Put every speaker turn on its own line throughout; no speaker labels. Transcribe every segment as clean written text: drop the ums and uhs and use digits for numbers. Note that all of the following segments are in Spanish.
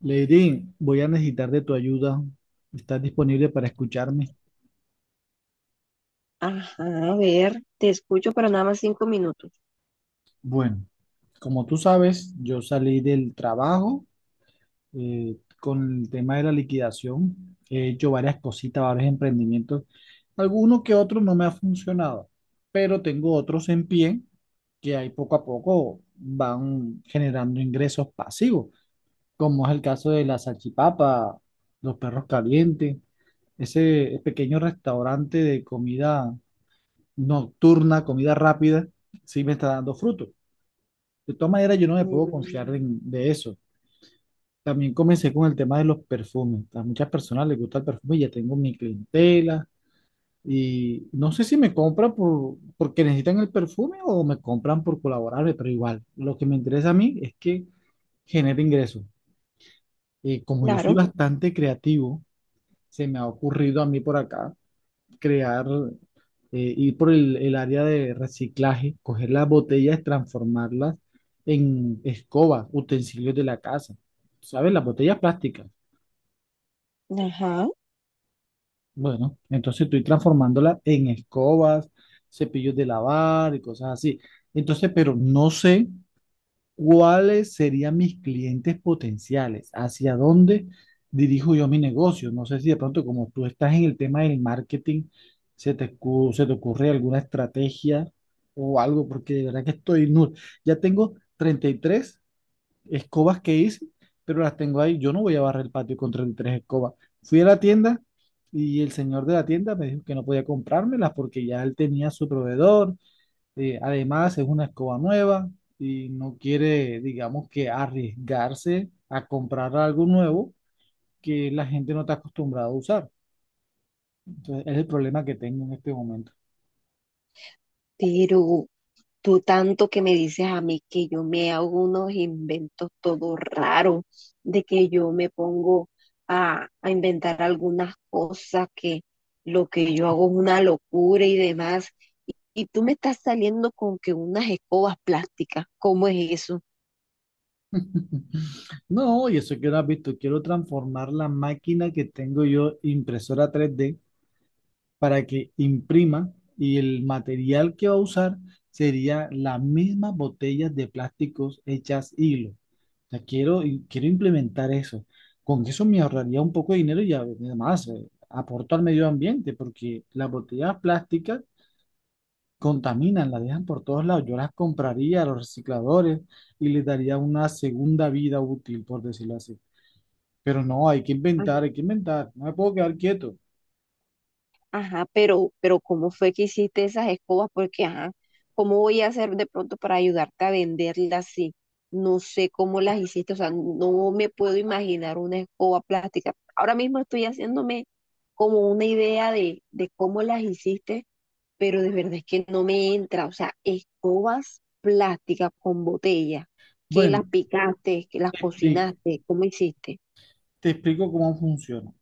Lady, voy a necesitar de tu ayuda. ¿Estás disponible para escucharme?
Ajá, a ver, te escucho, pero nada más 5 minutos.
Bueno, como tú sabes, yo salí del trabajo con el tema de la liquidación. He hecho varias cositas, varios emprendimientos. Algunos que otros no me ha funcionado, pero tengo otros en pie que ahí poco a poco van generando ingresos pasivos, como es el caso de la salchipapa, los perros calientes, ese pequeño restaurante de comida nocturna, comida rápida, sí me está dando fruto. De todas maneras, yo no me puedo confiar
Mm,
de eso. También comencé con el tema de los perfumes. A muchas personas les gusta el perfume y ya tengo mi clientela. Y no sé si me compran porque necesitan el perfume o me compran por colaborarme, pero igual, lo que me interesa a mí es que genere ingresos. Y como yo soy
claro,
bastante creativo, se me ha ocurrido a mí por acá crear, ir por el área de reciclaje, coger las botellas, transformarlas en escobas, utensilios de la casa. ¿Sabes? Las botellas plásticas.
ajá,
Bueno, entonces estoy transformándolas en escobas, cepillos de lavar y cosas así. Entonces, pero no sé, ¿cuáles serían mis clientes potenciales? ¿Hacia dónde dirijo yo mi negocio? No sé si de pronto, como tú estás en el tema del marketing, se te ocurre alguna estrategia o algo, porque de verdad que estoy nulo. Ya tengo 33 escobas que hice, pero las tengo ahí. Yo no voy a barrer el patio con 33 escobas. Fui a la tienda y el señor de la tienda me dijo que no podía comprármelas porque ya él tenía su proveedor. Además, es una escoba nueva y no quiere, digamos, que arriesgarse a comprar algo nuevo que la gente no está acostumbrada a usar. Entonces, es el problema que tengo en este momento.
pero tú tanto que me dices a mí que yo me hago unos inventos todo raro, de que yo me pongo a inventar algunas cosas, que lo que yo hago es una locura y demás. Y tú me estás saliendo con que unas escobas plásticas, ¿cómo es eso?
No, y eso que no has visto, quiero transformar la máquina que tengo yo, impresora 3D, para que imprima, y el material que va a usar sería las mismas botellas de plásticos hechas hilo. Sea, quiero, quiero implementar eso. Con eso me ahorraría un poco de dinero y además, aporto al medio ambiente, porque las botellas plásticas contaminan, las dejan por todos lados. Yo las compraría a los recicladores y les daría una segunda vida útil, por decirlo así. Pero no, hay que inventar, hay que inventar. No me puedo quedar quieto.
Ajá, pero ¿cómo fue que hiciste esas escobas? Porque, ajá, ¿cómo voy a hacer de pronto para ayudarte a venderlas así? No sé cómo las hiciste, o sea, no me puedo imaginar una escoba plástica. Ahora mismo estoy haciéndome como una idea de cómo las hiciste, pero de verdad es que no me entra, o sea, escobas plásticas con botella, que las
Bueno,
picaste, que las
te explico,
cocinaste, ¿cómo hiciste?
te explico cómo funciona.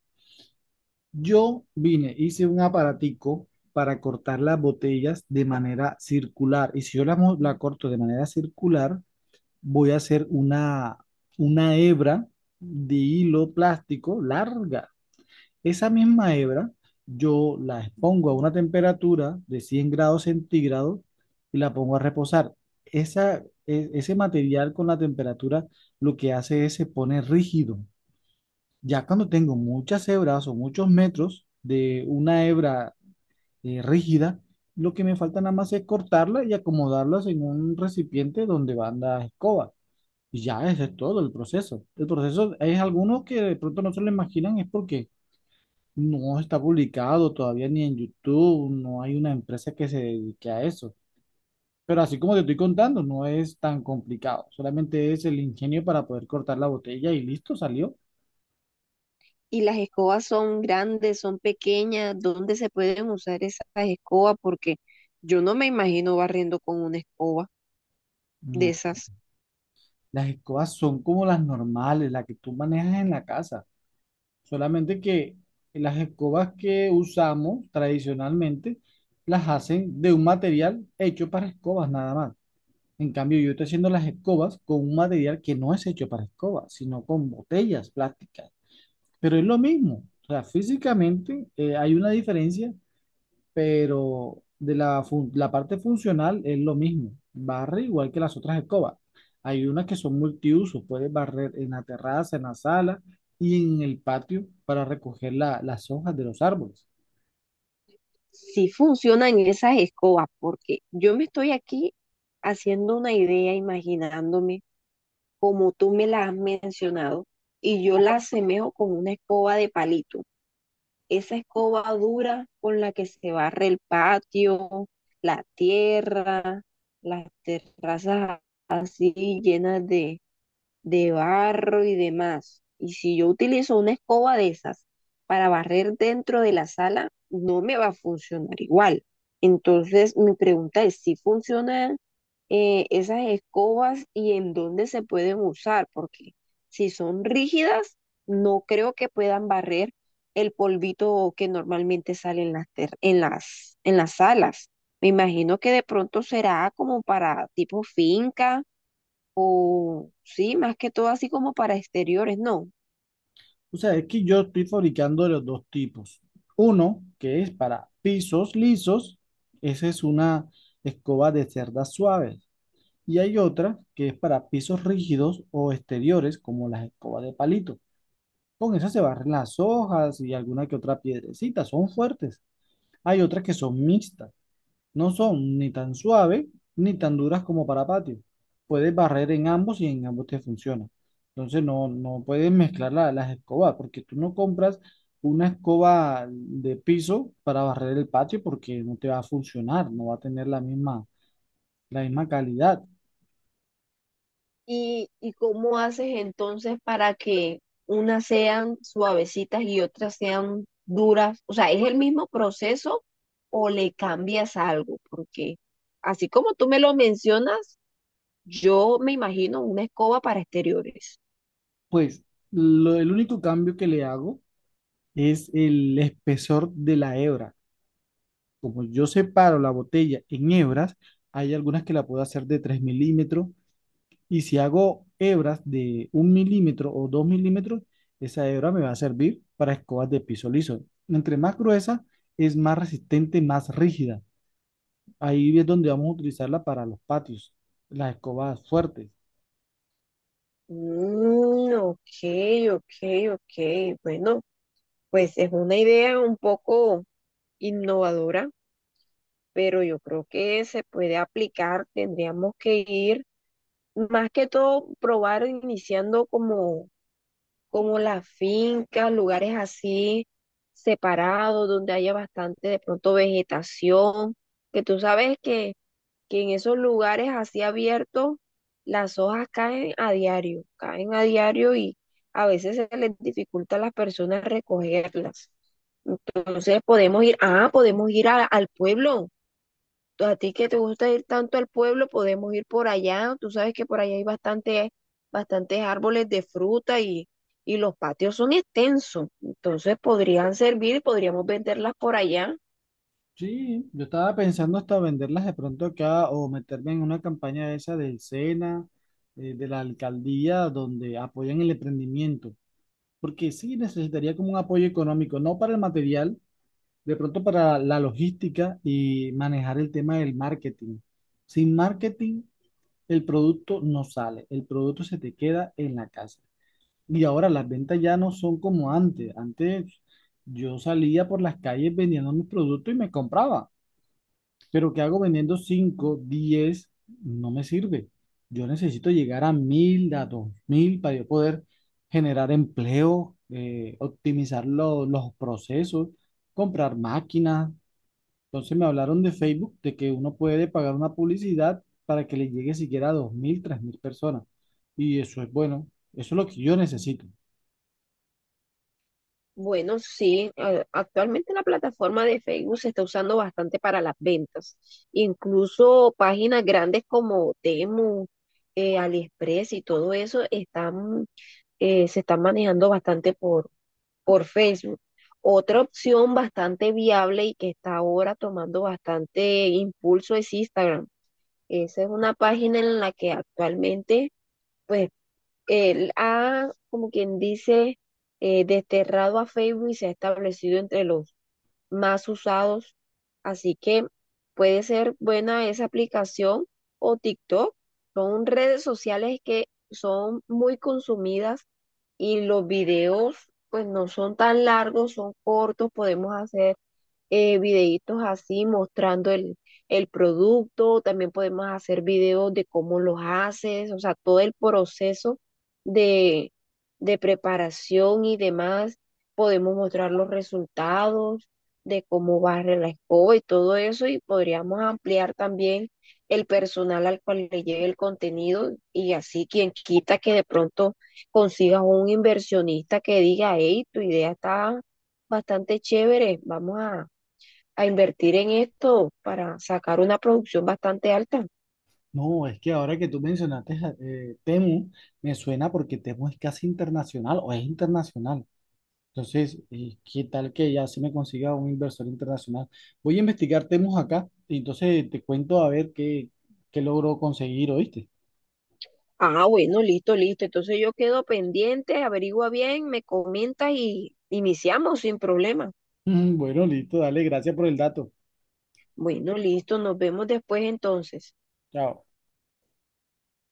Yo vine, hice un aparatico para cortar las botellas de manera circular. Y si yo la corto de manera circular, voy a hacer una hebra de hilo plástico larga. Esa misma hebra yo la expongo a una temperatura de 100 grados centígrados y la pongo a reposar. Ese material con la temperatura, lo que hace es se pone rígido. Ya cuando tengo muchas hebras o muchos metros de una hebra rígida, lo que me falta nada más es cortarla y acomodarlas en un recipiente donde van las escobas. Y ya ese es todo el proceso. El proceso es algunos que de pronto no se lo imaginan, es porque no está publicado todavía ni en YouTube, no hay una empresa que se dedique a eso. Pero así como te estoy contando, no es tan complicado. Solamente es el ingenio para poder cortar la botella y listo, salió.
¿Y las escobas son grandes, son pequeñas? ¿Dónde se pueden usar esas escobas? Porque yo no me imagino barriendo con una escoba de
No.
esas.
Las escobas son como las normales, las que tú manejas en la casa. Solamente que las escobas que usamos tradicionalmente las hacen de un material hecho para escobas nada más. En cambio, yo estoy haciendo las escobas con un material que no es hecho para escobas, sino con botellas plásticas. Pero es lo mismo. O sea, físicamente, hay una diferencia, pero la parte funcional es lo mismo. Barre igual que las otras escobas. Hay unas que son multiusos, puedes barrer en la terraza, en la sala y en el patio para recoger las hojas de los árboles.
Si funcionan esas escobas, porque yo me estoy aquí haciendo una idea, imaginándome como tú me la has mencionado, y yo la asemejo con una escoba de palito. Esa escoba dura con la que se barre el patio, la tierra, las terrazas así llenas de barro y demás. Y si yo utilizo una escoba de esas para barrer dentro de la sala, no me va a funcionar igual. Entonces, mi pregunta es si funcionan esas escobas y en dónde se pueden usar, porque si son rígidas, no creo que puedan barrer el polvito que normalmente sale en en en las salas. Me imagino que de pronto será como para tipo finca o sí, más que todo así como para exteriores, no.
O sea, es que yo estoy fabricando de los dos tipos. Uno, que es para pisos lisos, esa es una escoba de cerdas suaves. Y hay otra que es para pisos rígidos o exteriores, como las escobas de palito. Con eso se barren las hojas y alguna que otra piedrecita, son fuertes. Hay otras que son mixtas, no son ni tan suaves ni tan duras como para patio. Puedes barrer en ambos y en ambos te funciona. Entonces no, no puedes mezclar las escobas, porque tú no compras una escoba de piso para barrer el patio porque no te va a funcionar, no va a tener la misma calidad.
Y cómo haces entonces para que unas sean suavecitas y otras sean duras? O sea, ¿es el mismo proceso o le cambias algo? Porque así como tú me lo mencionas, yo me imagino una escoba para exteriores.
Pues el único cambio que le hago es el espesor de la hebra. Como yo separo la botella en hebras, hay algunas que la puedo hacer de 3 milímetros, y si hago hebras de un milímetro o 2 milímetros, esa hebra me va a servir para escobas de piso liso. Entre más gruesa, es más resistente, más rígida. Ahí es donde vamos a utilizarla para los patios, las escobas fuertes.
Mm, ok, ok, ok. Bueno, pues es una idea un poco innovadora. Pero yo creo que se puede aplicar, tendríamos que ir, más que todo, probar iniciando como, como las fincas, lugares así separados, donde haya bastante de pronto vegetación, que tú sabes que en esos lugares así abiertos las hojas caen a diario y a veces se les dificulta a las personas recogerlas. Entonces podemos ir, ah, podemos ir al pueblo a ti que te gusta ir tanto al pueblo, podemos ir por allá. Tú sabes que por allá hay bastante, bastantes árboles de fruta y los patios son extensos. Entonces podrían servir, y podríamos venderlas por allá.
Sí, yo estaba pensando hasta venderlas de pronto acá o meterme en una campaña esa del SENA, de la alcaldía, donde apoyan el emprendimiento, porque sí necesitaría como un apoyo económico, no para el material, de pronto para la logística y manejar el tema del marketing. Sin marketing, el producto no sale, el producto se te queda en la casa. Y ahora las ventas ya no son como antes. Antes yo salía por las calles vendiendo mis productos y me compraba. Pero ¿qué hago vendiendo cinco, diez? No me sirve. Yo necesito llegar a 1000, a 2000, para yo poder generar empleo, optimizar los procesos, comprar máquinas. Entonces me hablaron de Facebook, de que uno puede pagar una publicidad para que le llegue siquiera a 2000, 3000 personas. Y eso es bueno. Eso es lo que yo necesito.
Bueno, sí, actualmente la plataforma de Facebook se está usando bastante para las ventas. Incluso páginas grandes como Temu, AliExpress y todo eso están, se están manejando bastante por Facebook. Otra opción bastante viable y que está ahora tomando bastante impulso es Instagram. Esa es una página en la que actualmente, pues, él ha, como quien dice, desterrado a Facebook y se ha establecido entre los más usados. Así que puede ser buena esa aplicación o TikTok. Son redes sociales que son muy consumidas y los videos pues no son tan largos, son cortos, podemos hacer videitos así mostrando el producto, también podemos hacer videos de cómo los haces, o sea, todo el proceso de, de preparación y demás, podemos mostrar los resultados de cómo barre la escoba y todo eso, y podríamos ampliar también el personal al cual le lleve el contenido y así quien quita que de pronto consigas un inversionista que diga, hey, tu idea está bastante chévere, vamos a invertir en esto para sacar una producción bastante alta.
No, es que ahora que tú mencionaste, Temu, me suena porque Temu es casi internacional o es internacional. Entonces, ¿qué tal que ya se me consiga un inversor internacional? Voy a investigar temas acá y entonces te cuento a ver qué logro conseguir, ¿oíste?
Ah, bueno, listo, listo. Entonces yo quedo pendiente, averigua bien, me comenta y iniciamos sin problema.
Bueno, listo, dale, gracias por el dato.
Bueno, listo, nos vemos después entonces.
Chao.